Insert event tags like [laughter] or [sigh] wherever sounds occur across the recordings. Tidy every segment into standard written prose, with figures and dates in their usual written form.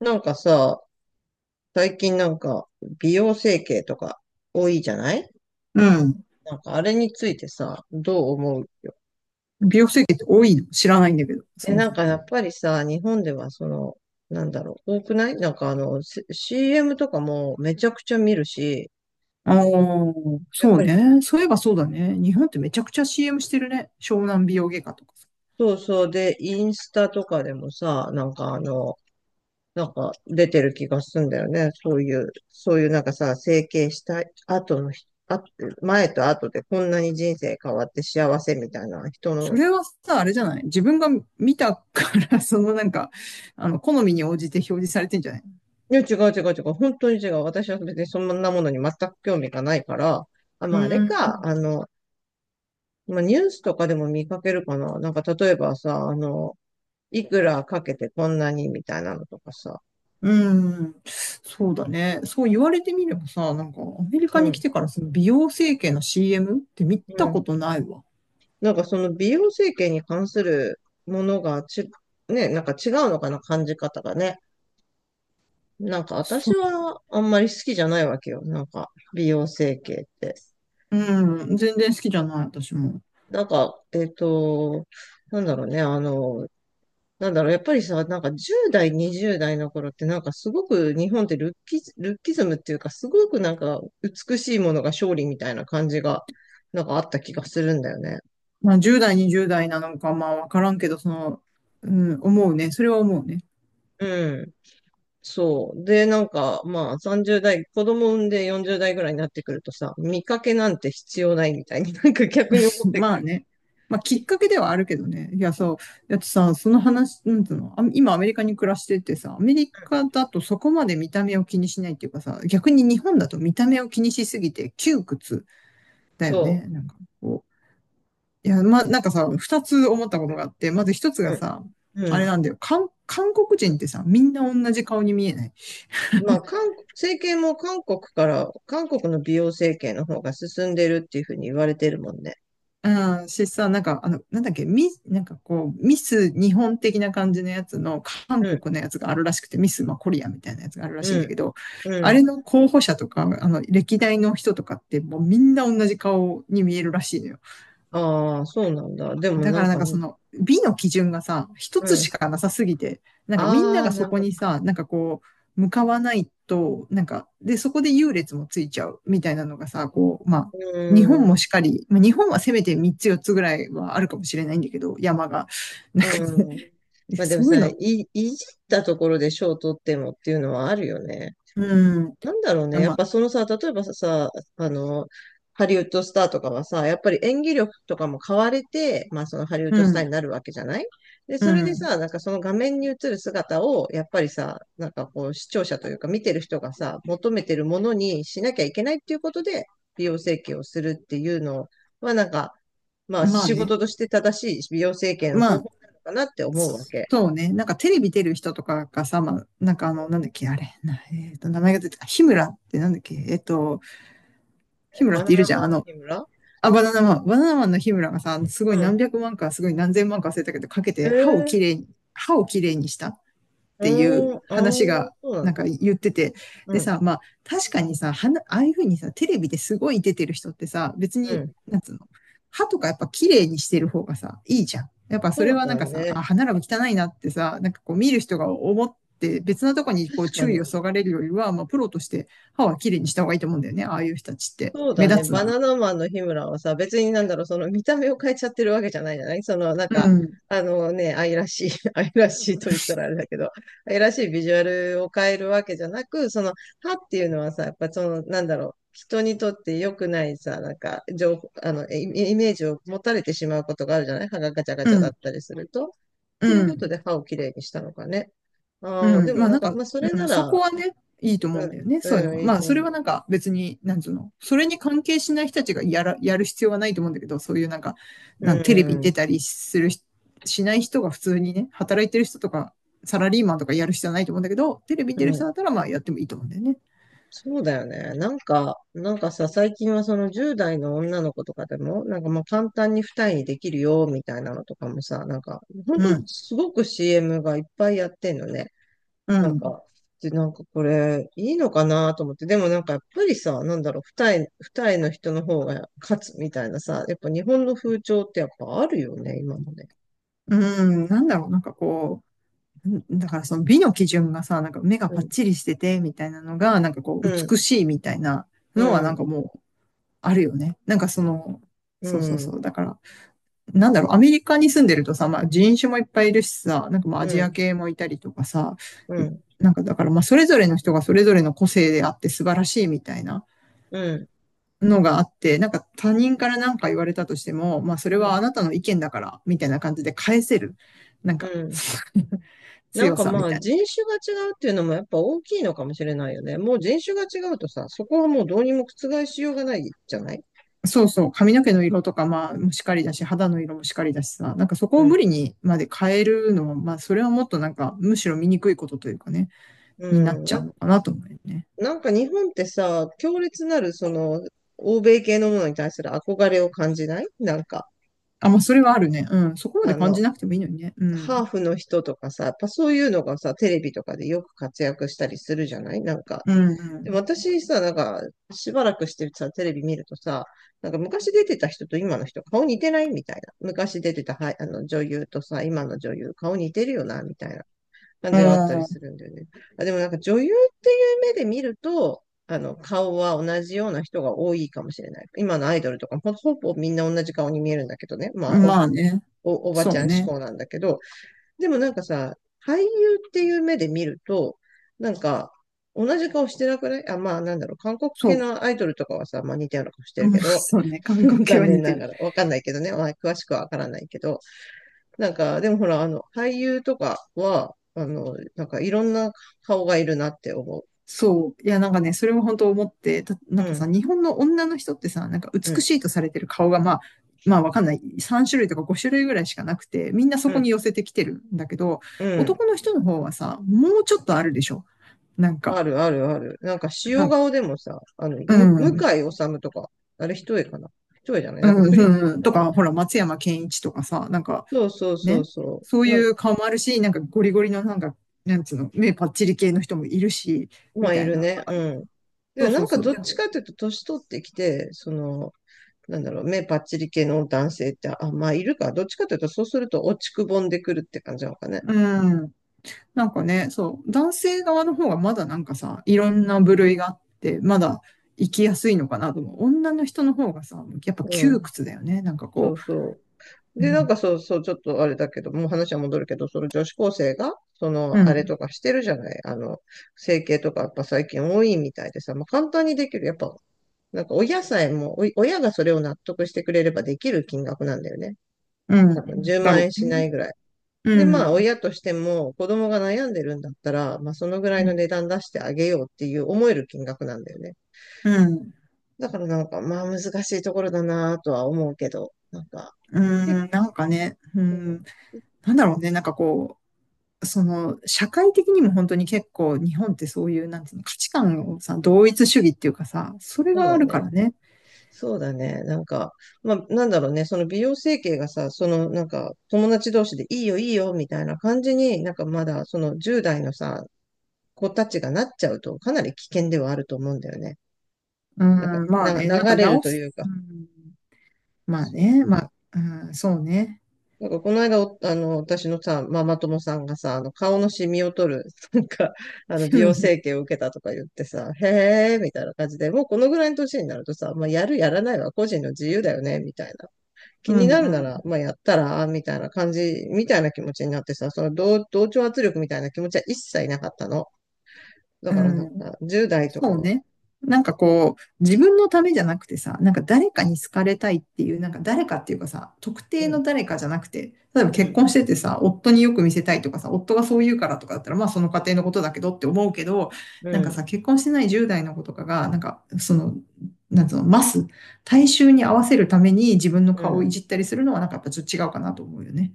なんかさ、最近なんか美容整形とか多いじゃない？うん。なんかあれについてさ、どう思う？美容整形って多いの知らないんだけど、そえ、もなんそも。かやっぱりさ、日本ではその、なんだろう、多くないなんかあの、C- m とかもめちゃくちゃ見るし、ああ、やっそぱうり。ね。そういえばそうだね。日本ってめちゃくちゃ CM してるね。湘南美容外科とかさ。そうそう。で、インスタとかでもさ、なんかあの、なんか出てる気がするんだよね。そういうなんかさ、整形した後の人、あ、前と後でこんなに人生変わって幸せみたいな人その。れはさ、あれじゃない？自分が見たから、[laughs] 好みに応じて表示されてんじゃない？いや、違う違う違う。本当に違う。私は別にそんなものに全く興味がないから。あ、まあ、あれうか。あの、まあ、ニュースとかでも見かけるかな。なんか、例えばさ、あの、いくらかけてこんなにみたいなのとかさ。うん、そうだね。そう言われてみればさ、なんかアメリカうに来ん。てからその美容整形の CM って見うたん。ことないわ。なんか、その美容整形に関するものがち、ね、なんか違うのかな、感じ方がね。なんか、そ私う。はあんまり好きじゃないわけよ。なんか、美容整形って。うん、全然好きじゃない、私も。なんか、なんだろうね、あの、なんだろう、やっぱりさ、なんか10代、20代の頃ってなんかすごく日本ってルッキズムっていうかすごくなんか美しいものが勝利みたいな感じがなんかあった気がするんだよね。まあ10代、20代なのか、まあわからんけど、うん、思うね。それは思うね。うん。そう。で、なんかまあ30代、子供産んで40代ぐらいになってくるとさ、見かけなんて必要ないみたいになんか逆に思っ [laughs] てくまある。ね。まあきうっん。かけではあるけどね。いや、そう。だってさ、その話、なんつうの、あ、今アメリカに暮らしててさ、アメリカだとそこまで見た目を気にしないっていうかさ、逆に日本だと見た目を気にしすぎて窮屈だよそね。なんかこう。いや、ま、なんかさ、二つ思ったことがあって、まず一つう。がさ、うん。あうれん。なんだよ。韓国人ってさ、みんな同じ顔に見えない？まあ、韓国、整形も韓国から、韓国の美容整形の方が進んでるっていうふうに言われてるもんね。うん、しさ、なんか、なんだっけ、なんかこう、ミス日本的な感じのやつの、韓うん。国のやつがあるらしくて、ミス、まあ、コリアみたいなやつがあるらしいんうだん。けど、うあん。れの候補者とか、歴代の人とかって、もうみんな同じ顔に見えるらしいのよ。ああ、そうなんだ。でもだなかんらなんかかね、その美の基準がさ、一うつん。しかなさすぎて、なんかみんなああ、がなそるこほにど。さ、なんかこう、向かわないと、なんか、で、そこで優劣もついちゃうみたいなのがさ、こう、まあ、日本うもん。しっかり、まあ、日本はせめて3つ4つぐらいはあるかもしれないんだけど、山が。なんかね、うん。いまやあでもそういうさ、の、いじったところで賞を取ってもっていうのはあるよね。うなんだろうね。ん、やまっあ、ぱそのさ、例えばさ、あの、ハリウッドスターとかはさ、やっぱり演技力とかも買われて、まあそのハリウッドうスターにん、なるわけじゃない。で、うそれでん、さ、なんかその画面に映る姿を、やっぱりさ、なんかこう視聴者というか見てる人がさ、求めてるものにしなきゃいけないっていうことで、美容整形をするっていうのは、なんか、まあまあ仕ね、事として正しい美容整形のま方法あ、なのかなって思うわけ。そうね。なんかテレビ出る人とかがさ、まあ、なんか、なんだっけ、あれ、なえっと、名前が出て、あ、日村ってなんだっけ、日え村バっナているナじゃマん。ンの日村。あ、バナナマン。バナナマンの日村がさ、すごいうん。何百万か、すごい何千万か忘れたけど、かけへてえ、歯をきれいにしたっていううん、ああ、話そが、うなんなんかだ。言ってて。うでん、さ、まあ、確かにさ、ああいうふうにさ、テレビですごい出てる人ってさ、別うに、ん。なんつうの、歯とかやっぱきれいにしてる方がさ、いいじゃん。やっぱそそれうはなんだかさ、ね。あ、歯並び汚いなってさ、なんかこう見る人が思って、別なとこにこう確か注に。意をそがれるよりは、まあ、プロとして歯はきれいにした方がいいと思うんだよね。ああいう人たちって。そうだ目ね。立つバなら。ナナマンの日村はさ、別になんだろう、その見た目を変えちゃってるわけじゃないじゃない。その、なんうか、ん、あのね、愛らしい、[laughs] 愛らしいと言ったらあれだけど、愛らしいビジュアルを変えるわけじゃなく、その、歯っていうのはさ、やっぱその、なんだろう、人にとって良くないさ、なんか、情報、あの、イイメージを持たれてしまうことがあるじゃない。歯がガチャガうチャだっん、たりすると。っうていうことん、で歯をきれいにしたのかね。ああ、うでん。もまあなんなんか、か、まあ、それうなん、そこら、はね、いいと思ううんん、だよね、そういうのうん、は。いいまあとそれ思はう。なんか別に、なんつうの、それに関係しない人たちがやる必要はないと思うんだけど、そういうなんか、うなんかテレビに出ん、たりするし、しない人が普通にね、働いてる人とか、サラリーマンとかやる必要はないと思うんだけど、テレビにう出る人ん。だったらまあやってもいいと思うんだよね。そうだよね。なんか、なんかさ、最近はその10代の女の子とかでも、なんかまあ簡単に二重にできるよ、みたいなのとかもさ、なんか、ほんうとん、すごく CM がいっぱいやってんのね。うなんん、か、で、なんかこれ、いいのかなと思って。でもなんかやっぱりさ、なんだろう、二重の人の方が勝つみたいなさ、やっぱ日本の風潮ってやっぱあるよね、今もね。うん、なんだろう、なんかこう、んだからその美の基準がさ、なんか目がうパッん、チリしてて、みたいなのが、なんかこうう、ん、美しいみたいなうのはなんん、かもう、あるよね。なんかその、うそうそうん、そう。だから、なんだろう、アメリカに住んでるとさ、まあ人種もいっぱいいるしさ、なんかまあうアジアん、系もいたりとかさ、うん、なんかだからまあそれぞれの人がそれぞれの個性であって素晴らしいみたいなうん。のがあって、なんか他人からなんか言われたとしても、まあそれはあなたの意見だから、みたいな感じで返せる。なんうか ん。[laughs] なん強かさまみあたい人な。種が違うっていうのもやっぱ大きいのかもしれないよね。もう人種が違うとさ、そこはもうどうにも覆しようがないじゃない。そうそう、髪の毛の色とか、まあ、もしかりだし、肌の色もしかりだしさ、なんかそこうを無ん。理にまで変えるのは、まあ、それはもっとなんか、むしろ見にくいことというかね、うになっん。ちゃうのかなと思うよね。なんか日本ってさ、強烈なるその欧米系のものに対する憧れを感じないなんか、あ、まあ、それはあるね。うん。そこまであ感じの、なくてもいいのにね。うハん。ーフの人とかさ、やっぱそういうのがさ、テレビとかでよく活躍したりするじゃない。なんかうでもん、私さ、なんか、しばらくしてさ、テレビ見るとさ、なんか昔出てた人と今の人、顔似てないみたいな。昔出てた、はい、あの女優とさ、今の女優、顔似てるよな、みたいな感うじがあったりすん。るんだよね。あ、でもなんか女優っていう目で見ると、あの、顔は同じような人が多いかもしれない。今のアイドルとかもほぼみんな同じ顔に見えるんだけどね。まうあ、ん。まあね。おばちそゃうん志ね。向なんだけど、でもなんかさ、俳優っていう目で見ると、なんか、同じ顔してなくない？あ、まあなんだろう、韓国そ系う。のアイドルとかはさ、まあ似たような顔し [laughs] てうんるまあ、けど、そうね。韓国 [laughs] 系残は似念てながる。ら、わかんないけどね、まあ詳しくはわからないけど、なんか、でもほら、あの、俳優とかは、あの、なんかいろんな顔がいるなって思そう。いや、なんかね、それも本当思って、たなう。んうかん、さ、日本の女の人ってさ、なんかう美ん、しいとされてる顔が、まあ、まあわかんない。3種類とか5種類ぐらいしかなくて、みんなそうこん、に寄せてきてるんだけど、うん。男の人の方はさ、もうちょっとあるでしょ。なんか、あるあるある。なんかな塩んか、顔でもさ、あの、う向ん、井治とか、あれ一重かな。一重じゃない。うなんかクリ、ん、うん、あとの、か、ほら、松山ケンイチとかさ、なんか、そうそうそね、うそう。そういう顔もあるし、なんかゴリゴリのなんか、なんつうの、目パッチリ系の人もいるし、まみあ、たいいるな。ね。うん。そで、うなそうんかそう。どでっちかというと、年取ってきて、その、なんだろう、目パッチリ系の男性って、あ、まあ、いるか。どっちかというと、そうすると落ちくぼんでくるって感じなのかね。うんなんかね、そう、男性側の方がまだなんかさ、いろんな部類があって、まだ生きやすいのかなと思う。女の人の方がさ、やっぱう窮ん。屈だよね。なんかそこうそう。う、うで、なんかん、そうそう、ちょっとあれだけど、もう話は戻るけど、その女子高生が、その、うあれん、とかしてるじゃない。あの、整形とかやっぱ最近多いみたいでさ、まあ、簡単にできる。やっぱ、なんか親さえも、お親がそれを納得してくれればできる金額なんだよね。う多分ん、10だ万ろ円うしなね。いぐらい。うで、まあ、ん、親としても、子供が悩んでるんだったら、まあ、そのぐらいうのん、値段出してあげようっていう思える金額なんだよね。うん、だからなんか、まあ、難しいところだなとは思うけど、なんか、う結ん、なんかね、う構、ん、なんだろうね、なんかこう、その、社会的にも本当に結構日本ってそういう、なんていうの、価値観をさ、同一主義っていうかさ、それそうがあだるかね。らね。そうだね。なんか、まあ、なんだろうね。その美容整形がさ、その、なんか、友達同士でいいよ、いいよ、みたいな感じになんかまだ、その10代のさ、子たちがなっちゃうと、かなり危険ではあると思うんだよね。うなんか、ん、まあね、なんか流れる直とす。いうか、うんまあそう。ね、まあ、うん、そうね。なんかこの間あの、私のさ、ママ友さんがさ、あの、顔のシミを取る、[laughs] なんか、あの、美容 [laughs] 整形を受けたとか言ってさ、へえー、みたいな感じで、もうこのぐらいの年になるとさ、まあ、やる、やらないは個人の自由だよね、みたいな。う気にん、なうるなん、ら、まあ、やったら、みたいな感じ、みたいな気持ちになってさ、その同調圧力みたいな気持ちは一切なかったの。だうからなんん。か、10代とかそうは、ね。なんかこう、自分のためじゃなくてさ、なんか誰かに好かれたいっていう、なんか誰かっていうかさ、特う定ん、の誰かじゃなくて、例えばう結ん、婚しててさ、夫によく見せたいとかさ、夫がそう言うからとかだったら、まあその家庭のことだけどって思うけど、うなんかん、さ、結婚してない10代の子とかが、なんかその、なんつうの、大衆に合わせるために自分のう顔をいん。じったりするのは、なんかやっぱちょっと違うかなと思うよね。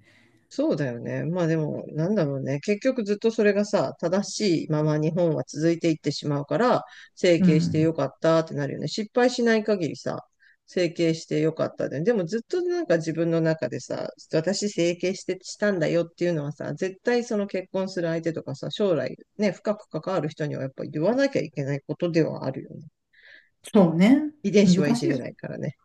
そうだよね。まあでも、なんだろうね。結局ずっとそれがさ、正しいまま日本は続いていってしまうから、整う形してよん。かったってなるよね。失敗しない限りさ、整形してよかったで。でもずっとなんか自分の中でさ、私整形してしたんだよっていうのはさ、絶対その結婚する相手とかさ、将来ね、深く関わる人にはやっぱ言わなきゃいけないことではあるよね。そうね。遺伝子はい難しじいれよ。ないからね。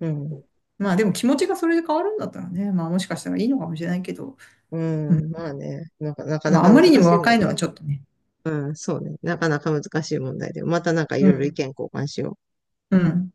うん。まあでも気持ちがそれで変わるんだったらね、まあもしかしたらいいのかもしれないけど、ううん。ん。まあね、なんかなかなまああかまりに難もしいも若いんね。のはちょっとね。うん、そうね。なかなか難しい問題で。またなんかいうろいろ意ん。見交換しよう。うん。